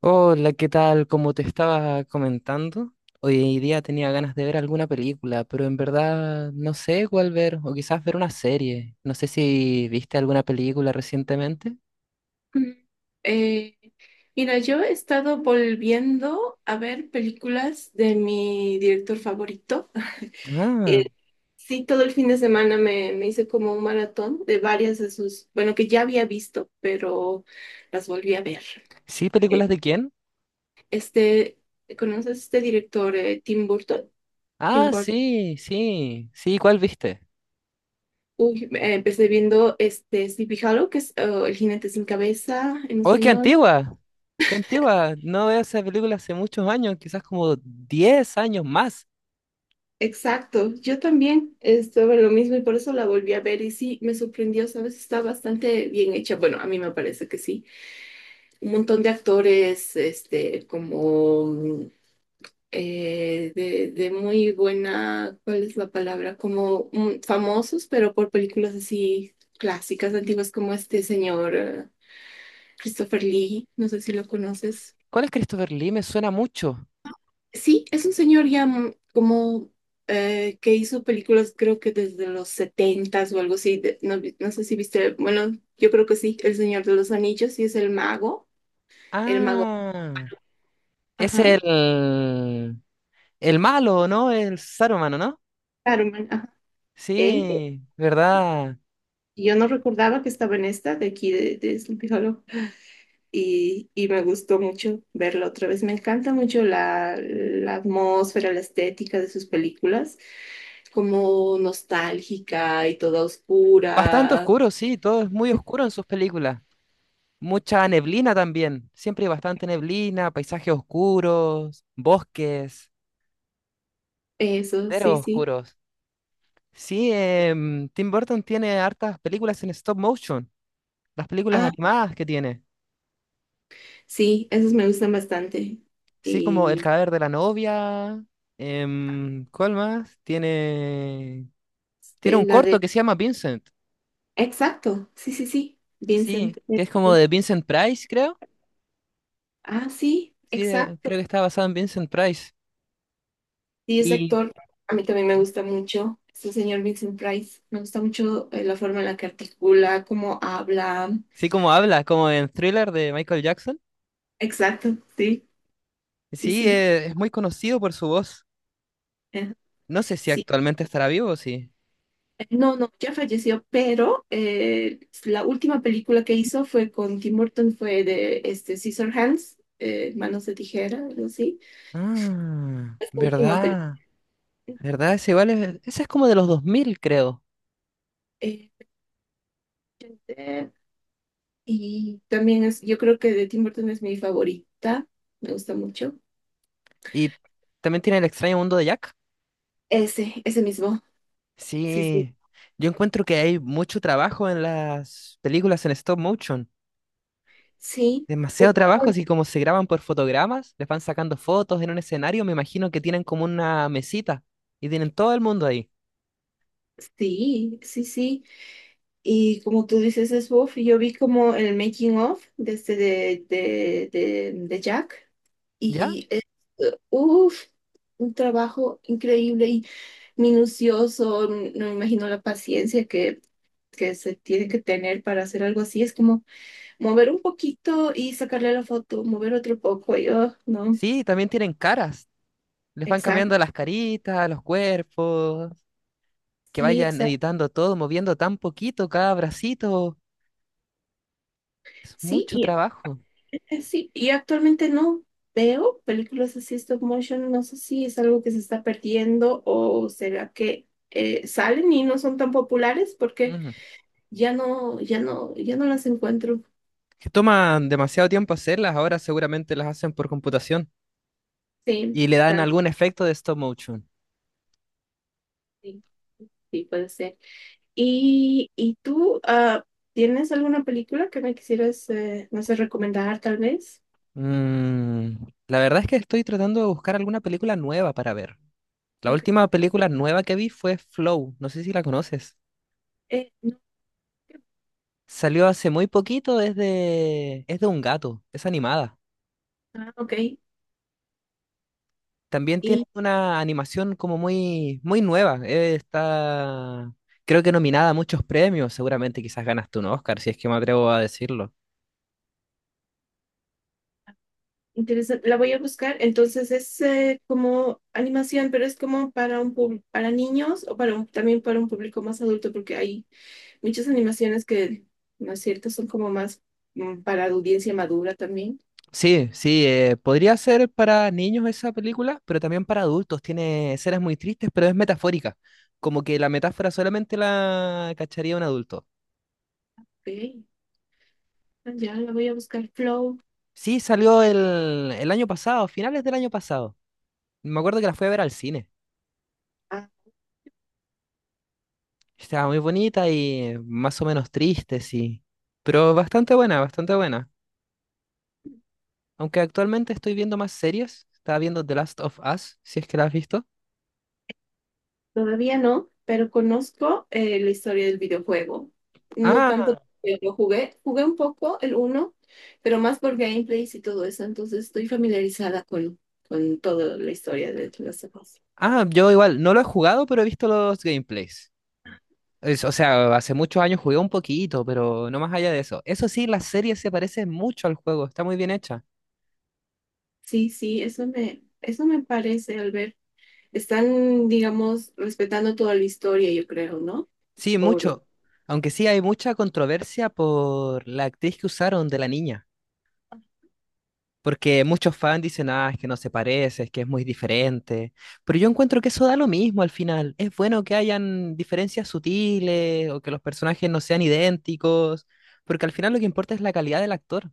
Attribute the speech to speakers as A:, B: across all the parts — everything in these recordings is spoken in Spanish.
A: Hola, ¿qué tal? Como te estaba comentando, hoy día tenía ganas de ver alguna película, pero en verdad no sé cuál ver, o quizás ver una serie. No sé si viste alguna película recientemente.
B: Mm, eh, mira, yo he estado volviendo a ver películas de mi director favorito.
A: Ah,
B: Eh, sí, todo el fin de semana me hice como un maratón de varias de sus, bueno, que ya había visto, pero las volví a ver.
A: sí,
B: Eh,
A: ¿películas de quién?
B: Este, ¿Conoces este director, Tim Burton? Tim
A: Ah,
B: Burton.
A: sí, sí, sí, ¿cuál viste?
B: Uy, empecé viendo este Sleepy Hollow, que es el jinete sin cabeza en
A: ¡Oh, qué
B: español.
A: antigua! ¡Qué antigua! No veo esa película hace muchos años, quizás como 10 años más.
B: Exacto, yo también estuve en lo mismo y por eso la volví a ver y sí, me sorprendió, ¿sabes? Está bastante bien hecha. Bueno, a mí me parece que sí. Un montón de actores, este, como de muy buena, ¿cuál es la palabra? Como famosos, pero por películas así clásicas, antiguas, como este señor Christopher Lee, no sé si lo conoces.
A: ¿Cuál es Christopher Lee? Me suena mucho.
B: Sí, es un señor ya como que hizo películas creo que desde los setentas o algo así. No sé si viste, bueno, yo creo que sí, El Señor de los Anillos, y es el mago,
A: Ah, es
B: ajá,
A: el... El malo, ¿no? El Saruman, ¿no?
B: Saruman, ajá, él.
A: Sí, ¿verdad?
B: Yo no recordaba que estaba en esta de aquí de Sleepy Hollow y me gustó mucho verlo otra vez. Me encanta mucho la atmósfera, la estética de sus películas, como nostálgica y toda
A: Bastante
B: oscura.
A: oscuro, sí, todo es muy oscuro en sus películas. Mucha neblina también, siempre hay bastante neblina, paisajes oscuros, bosques,
B: Eso, sí,
A: senderos
B: sí.
A: oscuros. Sí, Tim Burton tiene hartas películas en stop motion, las películas
B: Ah,
A: animadas que tiene.
B: sí, esos me gustan bastante.
A: Sí, como El
B: Y
A: cadáver de la novia. ¿Cuál más? Tiene, tiene
B: este,
A: un
B: la de...
A: corto que se llama Vincent.
B: Exacto, sí, sí, sí, Vincent.
A: Sí, que es como
B: Sí.
A: de Vincent Price, creo.
B: Ah, sí,
A: Sí,
B: exacto.
A: creo que está basado en Vincent Price.
B: Sí, ese
A: Y
B: actor a mí también me gusta mucho. Este señor Vincent Price. Me gusta mucho la forma en la que articula, cómo habla.
A: sí, como habla, como en Thriller de Michael Jackson.
B: Exacto, sí, sí,
A: Sí,
B: sí.
A: es muy conocido por su voz.
B: eh,
A: No sé si
B: Sí,
A: actualmente estará vivo o sí.
B: no, no, ya falleció, pero la última película que hizo fue con Tim Burton, fue de este, Hands Manos de Tijera, algo así.
A: Ah,
B: Esta última.
A: verdad. ¿Verdad? Ese igual es, ese es como de los 2000 creo.
B: Este, y también es, yo creo que de Tim Burton es mi favorita, me gusta mucho.
A: Y también tiene El extraño mundo de Jack.
B: Ese mismo. Sí, sí.
A: Sí. Yo encuentro que hay mucho trabajo en las películas en stop motion.
B: Sí, u-
A: Demasiado trabajo, así como se graban por fotogramas, les van sacando fotos en un escenario, me imagino que tienen como una mesita y tienen todo el mundo ahí,
B: sí, sí, sí. Y como tú dices, es Wolf, yo vi como el making of de este de Jack.
A: ¿ya?
B: Y es, uff, un trabajo increíble y minucioso. No me imagino la paciencia que se tiene que tener para hacer algo así. Es como mover un poquito y sacarle la foto, mover otro poco, y, oh, no,
A: Sí, también tienen caras, les van
B: exacto,
A: cambiando las caritas, los cuerpos, que
B: sí,
A: vayan
B: exacto,
A: editando todo, moviendo tan poquito cada bracito, es
B: sí,
A: mucho
B: y,
A: trabajo.
B: sí, y actualmente no veo películas así stop motion, no sé si es algo que se está perdiendo o será que salen y no son tan populares porque
A: Ujú.
B: ya no, ya no, ya no las encuentro,
A: Que toman demasiado tiempo hacerlas, ahora seguramente las hacen por computación
B: sí,
A: y le dan
B: exacto,
A: algún efecto de stop motion.
B: sí, sí, puede ser. ¿Y tú, ah, tienes alguna película que me quisieras, no sé, recomendar tal vez?
A: Mm, la verdad es que estoy tratando de buscar alguna película nueva para ver. La
B: Ok.
A: última película nueva que vi fue Flow, no sé si la conoces.
B: Eh.
A: Salió hace muy poquito, es de un gato, es animada.
B: Ah, ok.
A: También tiene
B: Y
A: una animación como muy, muy nueva. Creo que nominada a muchos premios, seguramente quizás ganas tú un Oscar, si es que me atrevo a decirlo.
B: interesante. La voy a buscar. Entonces es como animación, pero es como para para niños o para también para un público más adulto, porque hay muchas animaciones que, ¿no es cierto? Son como más para audiencia madura también.
A: Sí, sí, podría ser para niños esa película, pero también para adultos. Tiene escenas muy tristes, pero es metafórica. Como que la metáfora solamente la cacharía un adulto.
B: Ok. Ah, ya la voy a buscar. Flow.
A: Sí, salió el año pasado, finales del año pasado. Me acuerdo que la fui a ver al cine.
B: Ah,
A: Estaba muy bonita y más o menos triste, sí. Pero bastante buena, bastante buena. Aunque actualmente estoy viendo más series. Estaba viendo The Last of Us, si es que la has visto.
B: todavía no, pero conozco la historia del videojuego. No tanto
A: Ah,
B: porque jugué un poco el uno, pero más por gameplays y todo eso, entonces estoy familiarizada con toda la historia de The Last of Us.
A: ah, yo igual, no lo he jugado, pero he visto los gameplays. O sea, hace muchos años jugué un poquito, pero no más allá de eso. Eso sí, la serie se parece mucho al juego, está muy bien hecha.
B: Sí, sí, eso me parece, al ver. Están, digamos, respetando toda la historia, yo creo, ¿no?
A: Sí,
B: Por...
A: mucho. Aunque sí hay mucha controversia por la actriz que usaron de la niña. Porque muchos fans dicen, ah, es que no se parece, es que es muy diferente. Pero yo encuentro que eso da lo mismo al final. Es bueno que hayan diferencias sutiles o que los personajes no sean idénticos. Porque al final lo que importa es la calidad del actor.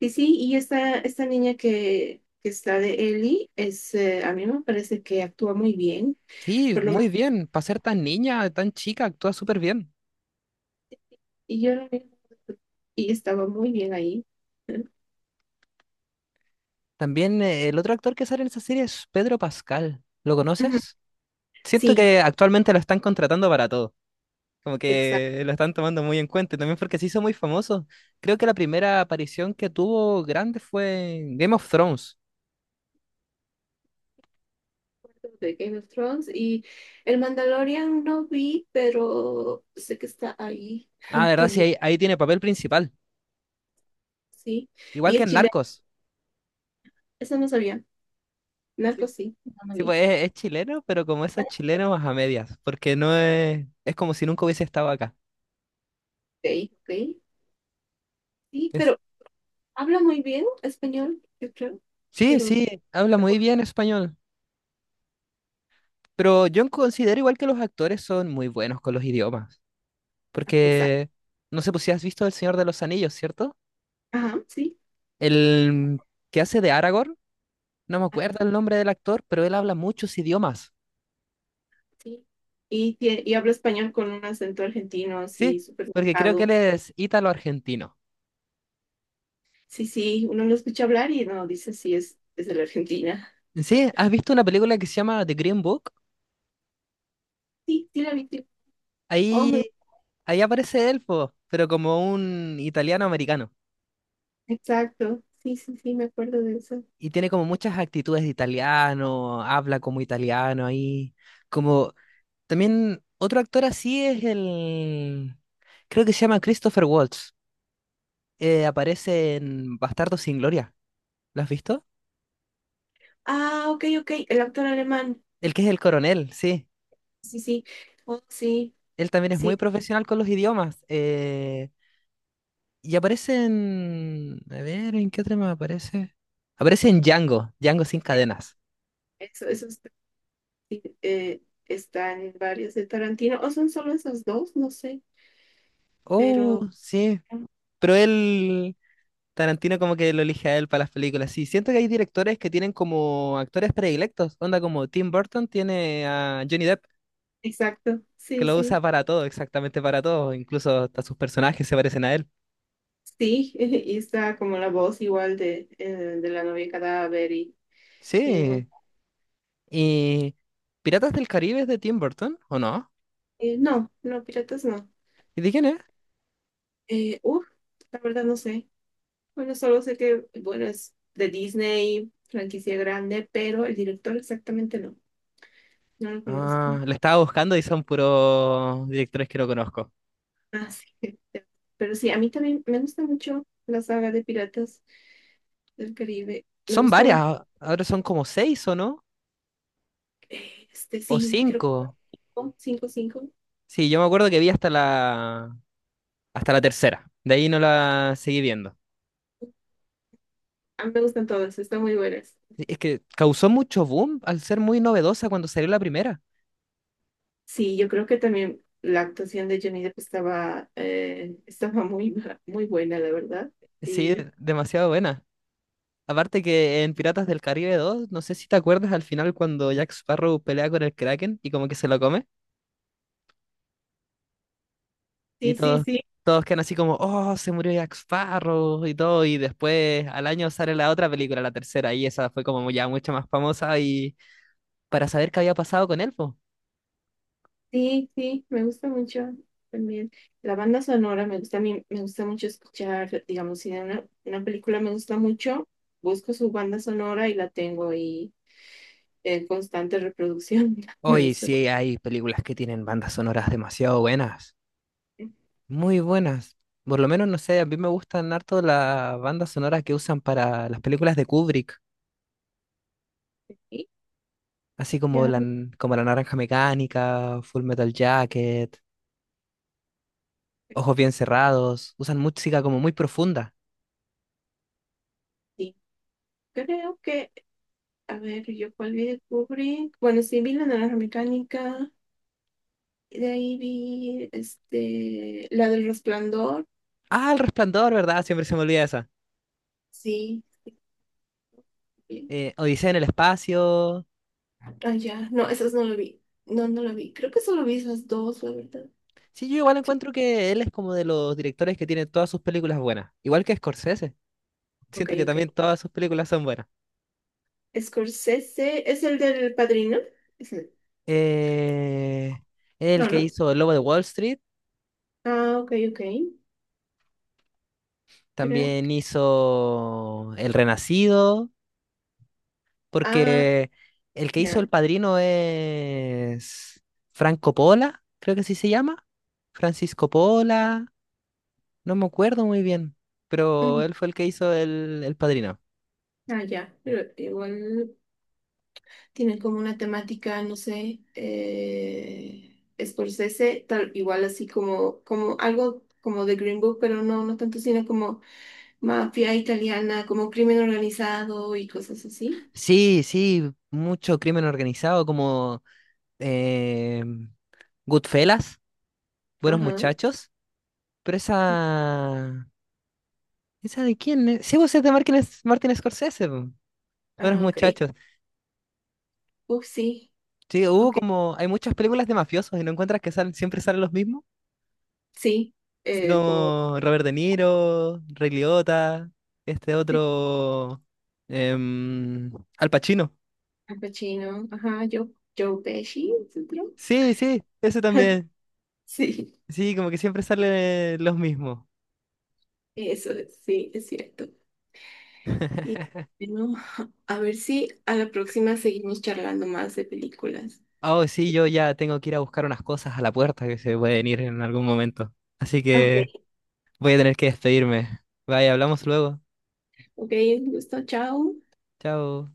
B: Sí, sí, y esta niña que está de Ellie, es, a mí me parece que actúa muy bien.
A: Sí,
B: Por lo.
A: muy bien. Para ser tan niña, tan chica, actúa súper bien.
B: Y yo la vi y estaba muy bien ahí.
A: También el otro actor que sale en esa serie es Pedro Pascal. ¿Lo
B: Ujú.
A: conoces? Siento
B: Sí.
A: que actualmente lo están contratando para todo. Como
B: Exacto,
A: que lo están tomando muy en cuenta y también porque se hizo muy famoso. Creo que la primera aparición que tuvo grande fue en Game of Thrones.
B: de Game of Thrones. Y el Mandalorian no vi, pero sé que está ahí
A: Ah, verdad, sí,
B: también,
A: ahí tiene papel principal.
B: sí.
A: Igual
B: Y
A: que
B: es
A: en
B: chileno,
A: Narcos.
B: eso no sabía.
A: Sí,
B: Narco sí, no lo
A: sí,
B: vi.
A: pues es chileno, pero como esos chilenos a medias, porque no es, es como si nunca hubiese estado acá.
B: Ok, ok. Sí,
A: Es,
B: pero habla muy bien español, yo creo.
A: sí,
B: Pero,
A: sí, habla muy bien español, pero yo considero igual que los actores son muy buenos con los idiomas,
B: ah, exacto.
A: porque no sé pues si has visto El Señor de los Anillos, ¿cierto?
B: Ajá, sí,
A: El que hace de Aragorn. No me acuerdo el nombre del actor, pero él habla muchos idiomas.
B: sí. Y, y habla español con un acento argentino
A: Sí,
B: así, súper
A: porque creo que
B: marcado.
A: él es ítalo-argentino.
B: Sí, sí, uno lo escucha hablar y no dice sí, es de la Argentina.
A: Sí, ¿has visto una película que se llama The Green Book?
B: Sí, sí, la vi. Sí. Oh, me-
A: Ahí, ahí aparece él, po, pero como un italiano-americano.
B: exacto. Sí, sí, sí, me acuerdo de eso.
A: Y tiene como muchas actitudes de italiano, habla como italiano ahí. Como también otro actor así es el... Creo que se llama Christopher Waltz. Aparece en Bastardo sin Gloria. ¿Lo has visto?
B: Ah, ok, ok, el actor alemán.
A: El que es el coronel, sí.
B: Sí, sí. Oh, sí,
A: Él también es
B: sí,
A: muy profesional con los idiomas. Y aparece en... A ver, ¿en qué otra me aparece? Aparece en Django, Django sin cadenas.
B: eso está, sí, está en varios de Tarantino. O son solo esos dos, no sé,
A: Oh,
B: pero
A: sí. Pero él, Tarantino como que lo elige a él para las películas. Sí, siento que hay directores que tienen como actores predilectos. Onda como Tim Burton tiene a Johnny Depp,
B: exacto.
A: que
B: Sí,
A: lo usa
B: sí.
A: para todo, exactamente para todo. Incluso hasta sus personajes se parecen a él.
B: Sí, y está como la voz igual de la novia cadáver y no.
A: Sí. ¿Y Piratas del Caribe es de Tim Burton o no?
B: No, no, piratas no.
A: ¿Y de quién es?
B: Eh, uf, la verdad no sé. Bueno, solo sé que, bueno, es de Disney, franquicia grande, pero el director exactamente no, no lo conozco.
A: Ah, lo estaba buscando y son puros directores que no conozco.
B: Así que, pero sí, a mí también me gusta mucho la saga de Piratas del Caribe. Me
A: Son
B: gusta mucho,
A: varias, ahora son como seis o no, o
B: sí, creo que
A: cinco.
B: 5. 5.
A: Sí, yo me acuerdo que vi hasta la tercera, de ahí no la seguí viendo.
B: A mí me gustan todas, están muy buenas.
A: Sí, es que causó mucho boom al ser muy novedosa cuando salió la primera.
B: Sí, yo creo que también la actuación de Johnny Depp estaba, estaba muy, muy buena, la verdad.
A: Sí,
B: Sí.
A: demasiado buena. Aparte que en Piratas del Caribe 2 no sé si te acuerdas al final cuando Jack Sparrow pelea con el Kraken y como que se lo come. Y
B: Sí, sí,
A: todos,
B: sí.
A: todos quedan así como, oh, se murió Jack Sparrow y todo. Y después al año sale la otra película, la tercera, y esa fue como ya mucho más famosa y para saber qué había pasado con él, pues.
B: Sí, sí, me gusta mucho también. La banda sonora me gusta a mí, me gusta mucho escuchar, digamos, si de una película me gusta mucho, busco su banda sonora y la tengo ahí en constante reproducción. Me
A: Hoy
B: gusta
A: sí hay películas que tienen bandas sonoras demasiado buenas,
B: bastante.
A: muy buenas. Por lo menos, no sé, a mí me gustan harto las bandas sonoras que usan para las películas de Kubrick,
B: Y
A: así
B: ya,
A: como La Naranja Mecánica, Full Metal Jacket, ojos bien cerrados, usan música como muy profunda.
B: sí, creo que, a ver, yo cuál vi de Kubrick. Bueno, sí, vi La Naranja Mecánica, y de ahí vi, este, la del Resplandor,
A: Ah, El Resplandor, ¿verdad? Siempre se me olvida esa.
B: sí. Bien.
A: Odisea en el espacio.
B: Ah, ya, no, esas no lo vi. No, no lo vi. Creo que solo vi esas dos, la verdad.
A: Sí, yo igual encuentro que él es como de los directores que tienen todas sus películas buenas. Igual que Scorsese.
B: Ok,
A: Siento que
B: ok.
A: también todas sus películas son buenas.
B: Scorsese es el del Padrino. Es el-
A: Eh, el
B: No,
A: que
B: no.
A: hizo El Lobo de Wall Street,
B: Ah, ok, ok. Creo
A: también
B: que.
A: hizo El Renacido,
B: Ah,
A: porque el que hizo El
B: ya.
A: Padrino es Franco Pola, creo que así se llama. Francisco Pola. No me acuerdo muy bien, pero
B: Ujú.
A: él fue el que hizo el Padrino.
B: Ah, ya. Pero igual tiene como una temática, no sé. Scorsese, tal, igual así como, como algo como de Green Book, pero no, no tanto, sino como mafia italiana, como crimen organizado y cosas así.
A: Sí, sí, mucho crimen organizado como eh, Goodfellas, Buenos
B: Ajá.
A: Muchachos, pero esa... ¿Esa de quién es? Sí, vos es de Martin Scorsese, po, Buenos
B: Ah, ok.
A: Muchachos.
B: Uf, sí.
A: Sí, hubo
B: Ok.
A: como... Hay muchas películas de mafiosos y no encuentras que salen, siempre salen los mismos,
B: Sí.
A: así
B: Como.
A: como Robert De Niro, Ray Liotta, este otro... em, Al Pacino.
B: Al Pacino, ajá, Joe, Joe Pesci, ¿es el otro?
A: Sí, sí, eso también.
B: Sí.
A: Sí, como que siempre salen los mismos.
B: Eso, es, sí, es cierto. Y bueno, a ver si a la próxima seguimos charlando más de películas.
A: Oh, sí, yo ya tengo que ir a buscar unas cosas a la puerta que se pueden ir en algún momento. Así que
B: Ok,
A: voy a tener que despedirme. Bye, hablamos luego.
B: ok, un gusto, chao.
A: Chao.